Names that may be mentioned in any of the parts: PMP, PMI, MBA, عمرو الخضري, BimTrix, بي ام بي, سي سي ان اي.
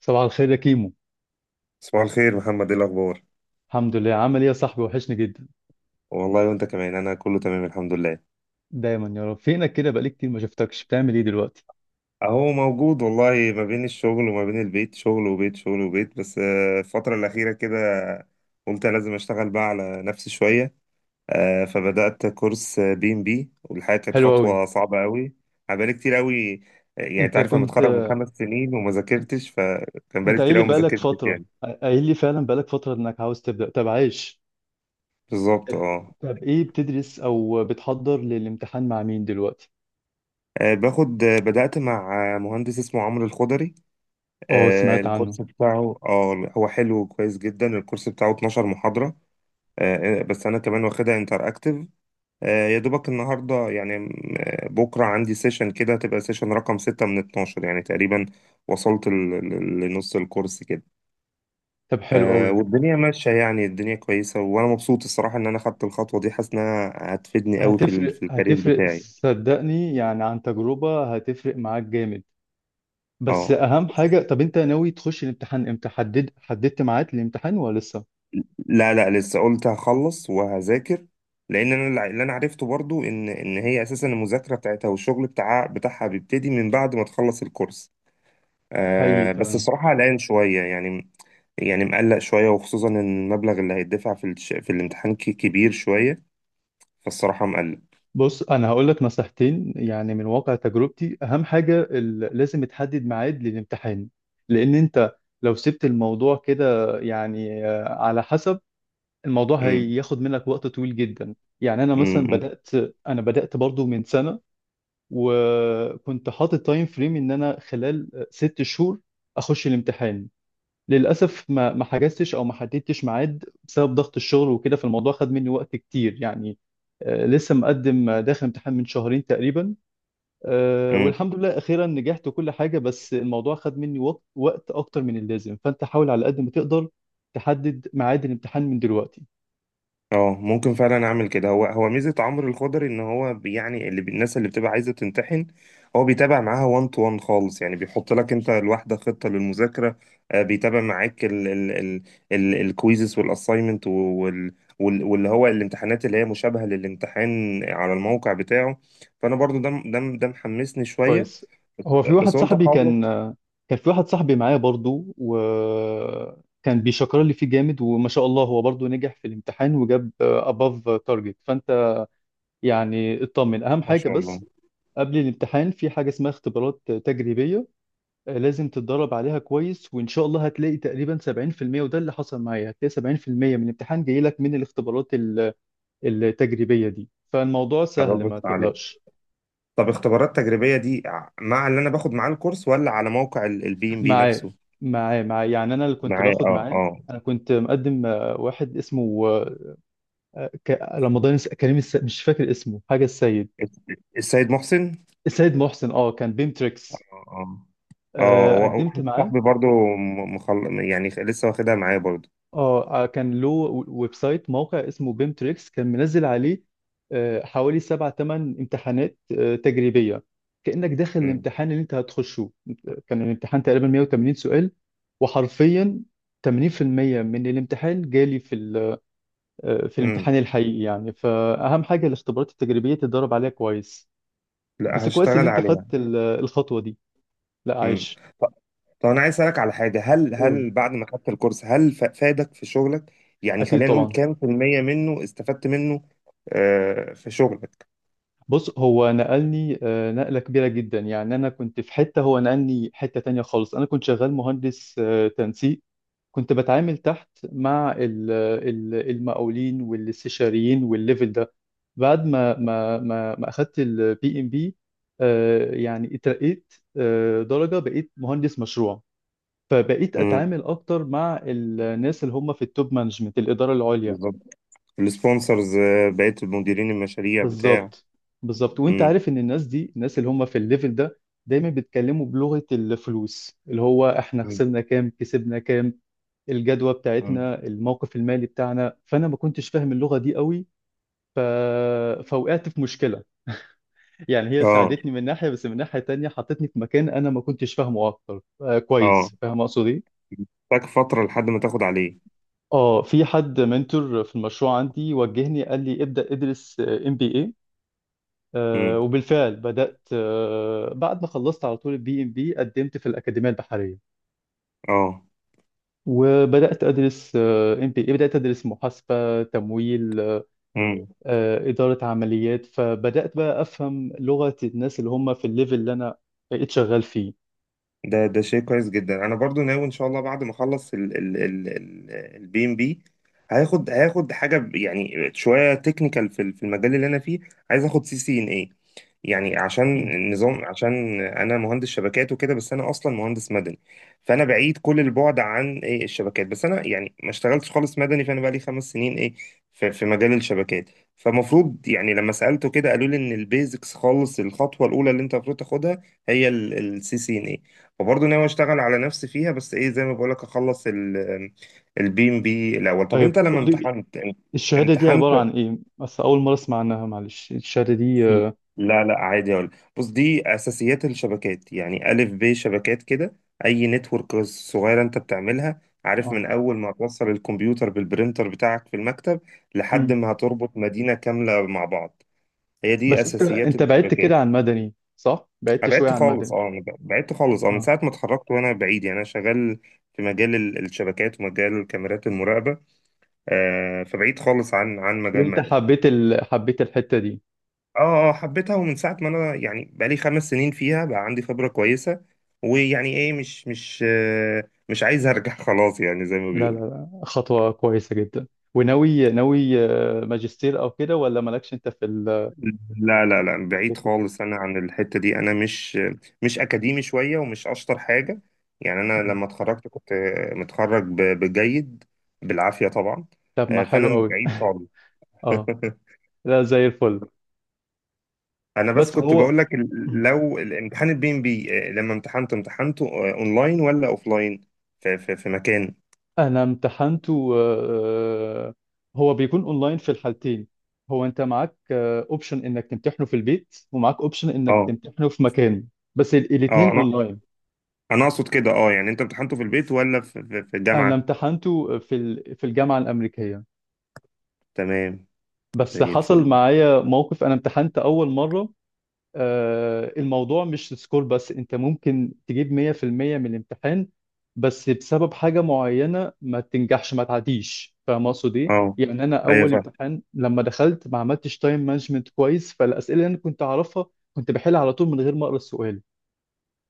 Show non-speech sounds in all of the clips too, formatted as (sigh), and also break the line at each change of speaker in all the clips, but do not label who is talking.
صباح الخير يا كيمو.
صباح الخير محمد، ايه الاخبار؟
الحمد لله، عامل ايه يا صاحبي؟ وحشني جدا.
والله وانت كمان، انا كله تمام الحمد لله.
دايما يا رب. فينك كده؟ بقالي كتير ما شفتكش. بتعمل ايه دلوقتي؟
اهو موجود والله، ما بين الشغل وما بين البيت، شغل وبيت شغل وبيت، بس الفترة الأخيرة كده قلت لازم اشتغل بقى على نفسي شوية. فبدأت كورس بي ام بي، والحقيقة كانت
حلو قوي.
خطوة صعبة قوي. انا بقالي كتير قوي. يعني انت
انت
عارف، انا
كنت،
متخرج من 5 سنين وما ذاكرتش، فكان
انت
بقالي
قايل
كتير
لي
قوي ما
بقالك
ذاكرتش
فترة،
يعني.
قايل لي فعلا بقالك فترة انك عاوز تبدأ. طب عايش.
بالظبط
طب،
اه.
طب ايه، بتدرس او بتحضر للامتحان مع مين دلوقتي؟
آه، باخد آه، بدأت مع مهندس اسمه عمرو الخضري.
اه سمعت عنه.
الكورس بتاعه هو حلو وكويس جدا، الكورس بتاعه 12 محاضرة. بس انا كمان واخدها انتراكتيف. يا دوبك النهارده يعني بكره عندي سيشن كده، تبقى سيشن رقم 6 من 12 يعني تقريبا، وصلت لنص الكورس كده.
طب حلو قوي.
والدنيا ماشيه يعني، الدنيا كويسه وانا مبسوط الصراحه ان انا خدت الخطوه دي، حاسس انها هتفيدني قوي
هتفرق
في الكارير
هتفرق
بتاعي.
صدقني، يعني عن تجربة هتفرق معاك جامد. بس
اه.
اهم حاجة، طب انت ناوي تخش الامتحان امتى؟ حدد، حددت ميعاد الامتحان ولا لسه؟
لا لا، لسه، قلت هخلص وهذاكر. لان انا اللي انا عرفته برضو ان ان هي اساسا المذاكره بتاعتها، والشغل بتاعها بيبتدي من بعد ما تخلص الكورس.
حقيقي
آه بس
فعلا.
الصراحه قلقان شويه يعني، يعني مقلق شويه، وخصوصا ان المبلغ اللي هيدفع في الامتحان كبير شويه، فالصراحه مقلق.
بص انا هقول لك نصيحتين يعني من واقع تجربتي. اهم حاجه لازم تحدد ميعاد للامتحان، لان انت لو سبت الموضوع كده يعني على حسب، الموضوع هياخد منك وقت طويل جدا. يعني انا مثلا بدات، انا بدات برضو من سنه، وكنت حاطط تايم فريم ان انا خلال ست شهور اخش الامتحان. للأسف ما حجزتش أو ما حددتش ميعاد بسبب ضغط الشغل وكده، فالموضوع خد مني وقت كتير يعني. لسه مقدم، داخل امتحان من شهرين تقريبا،
امم.
والحمد لله أخيرا نجحت وكل حاجة، بس الموضوع خد مني وقت أكتر من اللازم، فأنت حاول على قد ما تقدر تحدد ميعاد الامتحان من دلوقتي.
اه، ممكن فعلا اعمل كده. هو ميزه عمرو الخضري ان هو الناس اللي بتبقى عايزه تمتحن هو بيتابع معاها 1 تو 1 خالص يعني، بيحط لك انت الواحده خطه للمذاكره. بيتابع معاك ال ال ال ال الكويزز والاساينمنت واللي هو الامتحانات اللي هي مشابهه للامتحان على الموقع بتاعه، فانا برضو ده محمسني شويه،
كويس.
بس
هو في
بس
واحد
قلت
صاحبي كان
اخلص.
كان في واحد صاحبي معايا برضو وكان بيشكر لي فيه جامد، وما شاء الله هو برضو نجح في الامتحان وجاب above target، فأنت يعني اطمن. اهم
ما
حاجه
شاء الله.
بس قبل الامتحان في حاجه اسمها اختبارات تجريبيه، لازم تتدرب عليها كويس، وان شاء الله هتلاقي تقريبا 70%، وده اللي حصل معايا، هتلاقي 70% من الامتحان جاي لك من الاختبارات التجريبيه دي، فالموضوع سهل
برافو
ما
عليك.
تقلقش.
طب اختبارات تجريبيه دي مع اللي انا باخد معاه الكورس، ولا على موقع البي ام بي
معاه
نفسه؟
معاه يعني انا اللي كنت
معايا،
باخد
اه
معاه.
اه.
انا كنت مقدم واحد اسمه رمضان كريم مش فاكر اسمه حاجه السيد،
الس- السيد محسن.
السيد محسن. اه كان بيمتريكس.
اه اه.
قدمت
واحد
معاه.
صاحبي برضو، يعني لسه واخدها معايا برضو.
اه، كان له ويب سايت، موقع اسمه بيم تريكس، كان منزل عليه حوالي سبع ثمان امتحانات تجريبية، كأنك داخل
مم.
الامتحان اللي انت هتخشه. كان الامتحان تقريبا 180 سؤال، وحرفيا 80% من الامتحان جالي في في
مم.
الامتحان الحقيقي يعني. فأهم حاجة الاختبارات التجريبية تتدرب عليها كويس.
لا
بس كويس ان
هشتغل
انت خدت
عليها.
الخطوة دي. لا
مم.
عايش،
ط- طب انا عايز اسالك على حاجه، هل
قول.
هل بعد ما خدت الكورس هل فادك في شغلك؟ يعني
اكيد
خلينا نقول
طبعا.
كام في المية منه استفدت منه؟ آه في شغلك.
بص هو نقلني نقلة كبيرة جدا. يعني أنا كنت في حتة، هو نقلني حتة تانية خالص. أنا كنت شغال مهندس تنسيق، كنت بتعامل تحت مع المقاولين والاستشاريين والليفل ده. بعد ما أخدت البي إم بي، يعني اترقيت درجة، بقيت مهندس مشروع، فبقيت
مم.
أتعامل أكتر مع الناس اللي هم في التوب مانجمنت، الإدارة العليا.
بالظبط. السبونسرز، بقيت مديرين المشاريع بتاع.
بالظبط، بالظبط. وانت
مم.
عارف ان الناس دي، الناس اللي هم في الليفل ده، دايما بيتكلموا بلغة الفلوس، اللي هو احنا
مم.
خسرنا كام، كسبنا كام، الجدوى
مم.
بتاعتنا، الموقف المالي بتاعنا. فانا ما كنتش فاهم اللغة دي قوي. ف... فوقعت في مشكلة، يعني هي
اه
ساعدتني من ناحية، بس من ناحية تانية حطتني في مكان انا ما كنتش فاهمه اكتر، آه
اه،
كويس، فاهم اقصد ايه؟
تاك فتره لحد ما تاخد عليه.
اه، في حد منتور في المشروع عندي وجهني، قال لي ابدأ ادرس ام بي اي. وبالفعل بدأت. بعد ما خلصت على طول البي ام بي قدمت في الأكاديمية البحرية،
اه.
وبدأت أدرس ام بي اي، بدأت أدرس محاسبة، تمويل،
مم.
إدارة عمليات، فبدأت بقى أفهم لغة الناس اللي هم في الليفل اللي أنا بقيت شغال فيه.
ده شيء كويس جدا، انا برضو ناوي ان شاء الله بعد ما اخلص ال ال ال ال البي ام بي، هاخد حاجه يعني شويه تكنيكال في المجال اللي انا فيه، عايز اخد سي سي ان اي، يعني عشان
مم.
النظام، عشان انا مهندس شبكات وكده، بس انا اصلا مهندس مدني، فانا بعيد كل البعد عن ايه الشبكات، بس انا يعني ما اشتغلتش خالص مدني، فانا بقى لي 5 سنين ايه في, في مجال الشبكات. فمفروض يعني لما سالته كده قالوا لي ان البيزكس خالص الخطوه الاولى اللي انت المفروض تاخدها هي السي سي ان، وبرضه ناوي اشتغل على نفسي فيها، بس ايه زي ما بقولك اخلص البي ام بي الاول. طب انت
طيب
لما
قول لي،
امتحنت
الشهادة دي عبارة
امتحنت
عن إيه؟ بس أول مرة أسمع عنها، معلش. الشهادة دي آه،
لا لا، عادي اقول. بص، دي اساسيات الشبكات، يعني الف ب شبكات كده، اي نتورك صغيره انت بتعملها، عارف، من
آه.
اول ما توصل الكمبيوتر بالبرينتر بتاعك في المكتب لحد
مم.
ما هتربط مدينه كامله مع بعض. هي دي
بس أنت،
اساسيات
أنت بعدت
الشبكات.
كده عن مدني صح؟ بعدت
أنا
شوية
بعدت
عن
خالص
مدني.
اه، أنا بعدت خالص من
اه.
ساعة ما اتخرجت وانا بعيد، يعني انا شغال الشبكات ومجال كاميرات المراقبة، آه فبعيد خالص عن مجال
وأنت
مدني.
حبيت حبيت الحتة دي؟
اه اه، حبيتها، ومن ساعة ما انا يعني بقالي 5 سنين فيها بقى عندي خبرة كويسة، ويعني ايه، مش عايز ارجع (laughs) خلاص يعني زي ما
لا لا
بيقولوا.
لا، خطوة كويسة جدا. وناوي، ناوي ماجستير أو كده، ولا مالكش أنت في
لا لا لا،
في
بعيد
الفكر؟
خالص انا عن الحته دي، انا مش اكاديمي شويه ومش اشطر حاجه، يعني انا
مم.
لما اتخرجت كنت متخرج بجيد، بالعافيه طبعا.
طب ما حلو
فانا
قوي
بعيد خالص.
(laughs) أه.
(laughs)
لا زي الفل.
انا بس
بس
كنت
هو،
بقول لك،
مم.
لو الامتحان البي ام بي لما امتحنت، امتحنته اونلاين ولا اوفلاين في مكان؟
أنا امتحنته هو بيكون أونلاين في الحالتين. هو أنت معاك أوبشن إنك تمتحنه في البيت، ومعاك أوبشن إنك
اه
تمتحنه في مكان، بس
اه،
الاتنين
انا
أونلاين.
انا اقصد كده يعني انت امتحنته في البيت ولا في
أنا
الجامعه؟
امتحنته في في الجامعة الأمريكية.
تمام.
بس
زي
حصل
الفل.
معايا موقف، أنا امتحنت أول مرة الموضوع مش سكور، بس انت ممكن تجيب 100% من الامتحان بس بسبب حاجة معينة ما تنجحش، ما تعديش. فاهم اقصد ايه؟
اه
يعني انا
ايوه
اول
فاهم.
امتحان لما دخلت ما عملتش تايم مانجمنت كويس، فالاسئلة اللي انا كنت اعرفها كنت بحل على طول من غير ما اقرا السؤال.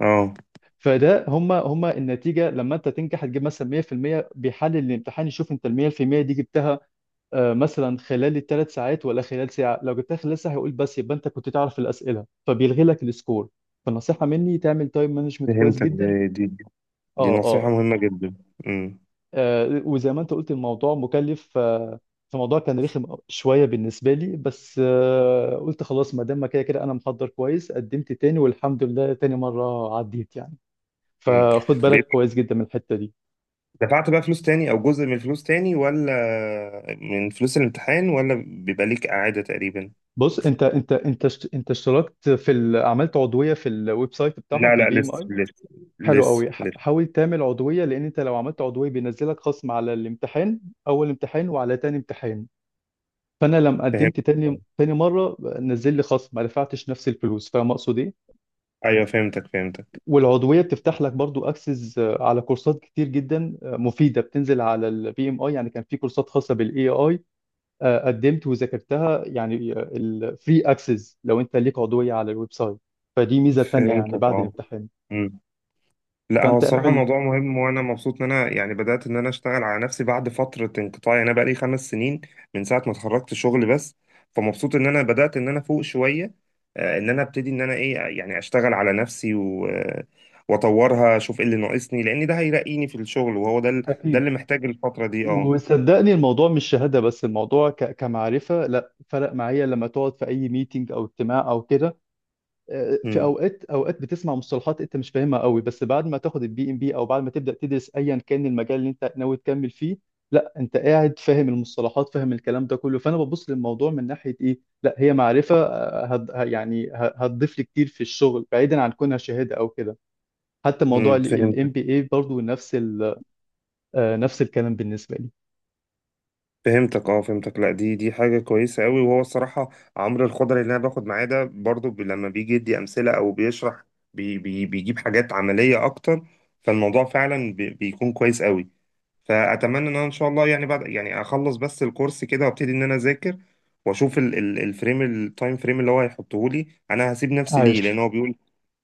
اه،
فده هما النتيجة، لما انت تنجح هتجيب مثلا 100%، بيحلل الامتحان يشوف انت ال 100% دي جبتها مثلا خلال الثلاث ساعات ولا خلال ساعة. لو جبتها خلال ساعة هيقول بس يبقى انت كنت تعرف الأسئلة، فبيلغي لك السكور. فالنصيحة مني، تعمل تايم مانجمنت كويس
فهمتك،
جدا.
دي دي
اه
دي نصيحة
اه.
مهمة جدا. امم.
وزي ما انت قلت الموضوع مكلف، فالموضوع كان رخم شوية بالنسبة لي، بس قلت خلاص ما دام ما كده كده انا محضر كويس، قدمت تاني والحمد لله تاني مرة عديت يعني.
امم.
فخد بالك
بيبقى-
كويس جدا من الحتة دي.
دفعت بقى فلوس تاني او جزء من الفلوس تاني، ولا من فلوس الامتحان، ولا بيبقى ليك اعادة تقريبا؟
بص انت انت اشتركت في عملت عضوية في الويب سايت بتاعهم
لا
في البي
لا، لسه
ام؟
لسه،
حلو
لسه
قوي.
لسه.
حاول تعمل عضوية، لأن أنت لو عملت عضوية بينزلك خصم على الامتحان، أول امتحان وعلى تاني امتحان. فأنا لما
فهمت،
قدمت تاني مرة نزل لي خصم، ما دفعتش نفس الفلوس. فاهم أقصد إيه؟
ايوه فهمتك فهمتك.
والعضوية بتفتح لك برضو أكسس على كورسات كتير جدا مفيدة، بتنزل على البي إم آي. يعني كان في كورسات خاصة بالإي آي، قدمت وذاكرتها، يعني الفري أكسس لو أنت ليك عضوية على الويب سايت. فدي ميزة تانية يعني
فهمتك
بعد
اه.
الامتحان.
لا هو
فأنت
الصراحة
اعمل.
موضوع مهم، وأنا مبسوط إن أنا يعني بدأت إن أنا أشتغل على نفسي بعد فترة انقطاع، يعني أنا بقالي 5 سنين من ساعة ما اتخرجت شغل بس، فمبسوط إن أنا بدأت إن أنا فوق شوية، إن أنا أبتدي إن أنا إيه يعني أشتغل على نفسي و... آه، وأطورها أشوف إيه اللي ناقصني، لأن ده هيرقيني في الشغل، وهو ده ده
أكيد.
اللي محتاج الفترة دي أه.
وصدقني الموضوع مش شهادة بس، الموضوع كمعرفة، لا فرق معايا. لما تقعد في أي ميتينج أو اجتماع أو كده في
امم.
أوقات بتسمع مصطلحات أنت مش فاهمها قوي، بس بعد ما تاخد البي إم بي أو بعد ما تبدأ تدرس أيا كان المجال اللي أنت ناوي تكمل فيه، لا أنت قاعد فاهم المصطلحات، فاهم الكلام ده كله. فأنا ببص للموضوع من ناحية إيه، لا هي معرفة يعني هتضيف لي كتير في الشغل، بعيدا عن كونها شهادة أو كده. حتى موضوع
امم. فهمت،
الام بي اي برضه نفس نفس الكلام بالنسبة لي.
فهمتك اه فهمتك. لا دي حاجه كويسه قوي، وهو الصراحه عمرو الخضري اللي انا باخد معاه ده، برضو لما بيجي يدي امثله او بيشرح بي بي بيجيب حاجات عمليه اكتر، فالموضوع فعلا بيكون كويس قوي، فاتمنى ان انا ان شاء الله يعني بعد يعني اخلص بس الكورس كده وابتدي ان انا اذاكر، واشوف ال- ال- الفريم التايم فريم اللي هو هيحطه لي، انا هسيب نفسي ليه
عايش
لان هو بيقول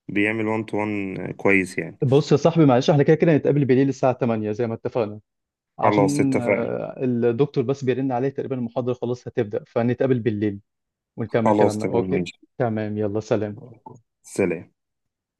بيعمل 1 تو 1 كويس يعني.
بص يا صاحبي، معلش احنا كده كده هنتقابل بالليل الساعة 8 زي ما اتفقنا،
خلاص
عشان
اتفقنا.
الدكتور بس بيرن عليه تقريبا، المحاضرة خلاص هتبدأ، فنتقابل بالليل ونكمل
خلاص
كلامنا.
تمام
اوكي
ماشي.
تمام، يلا سلام.
سلام.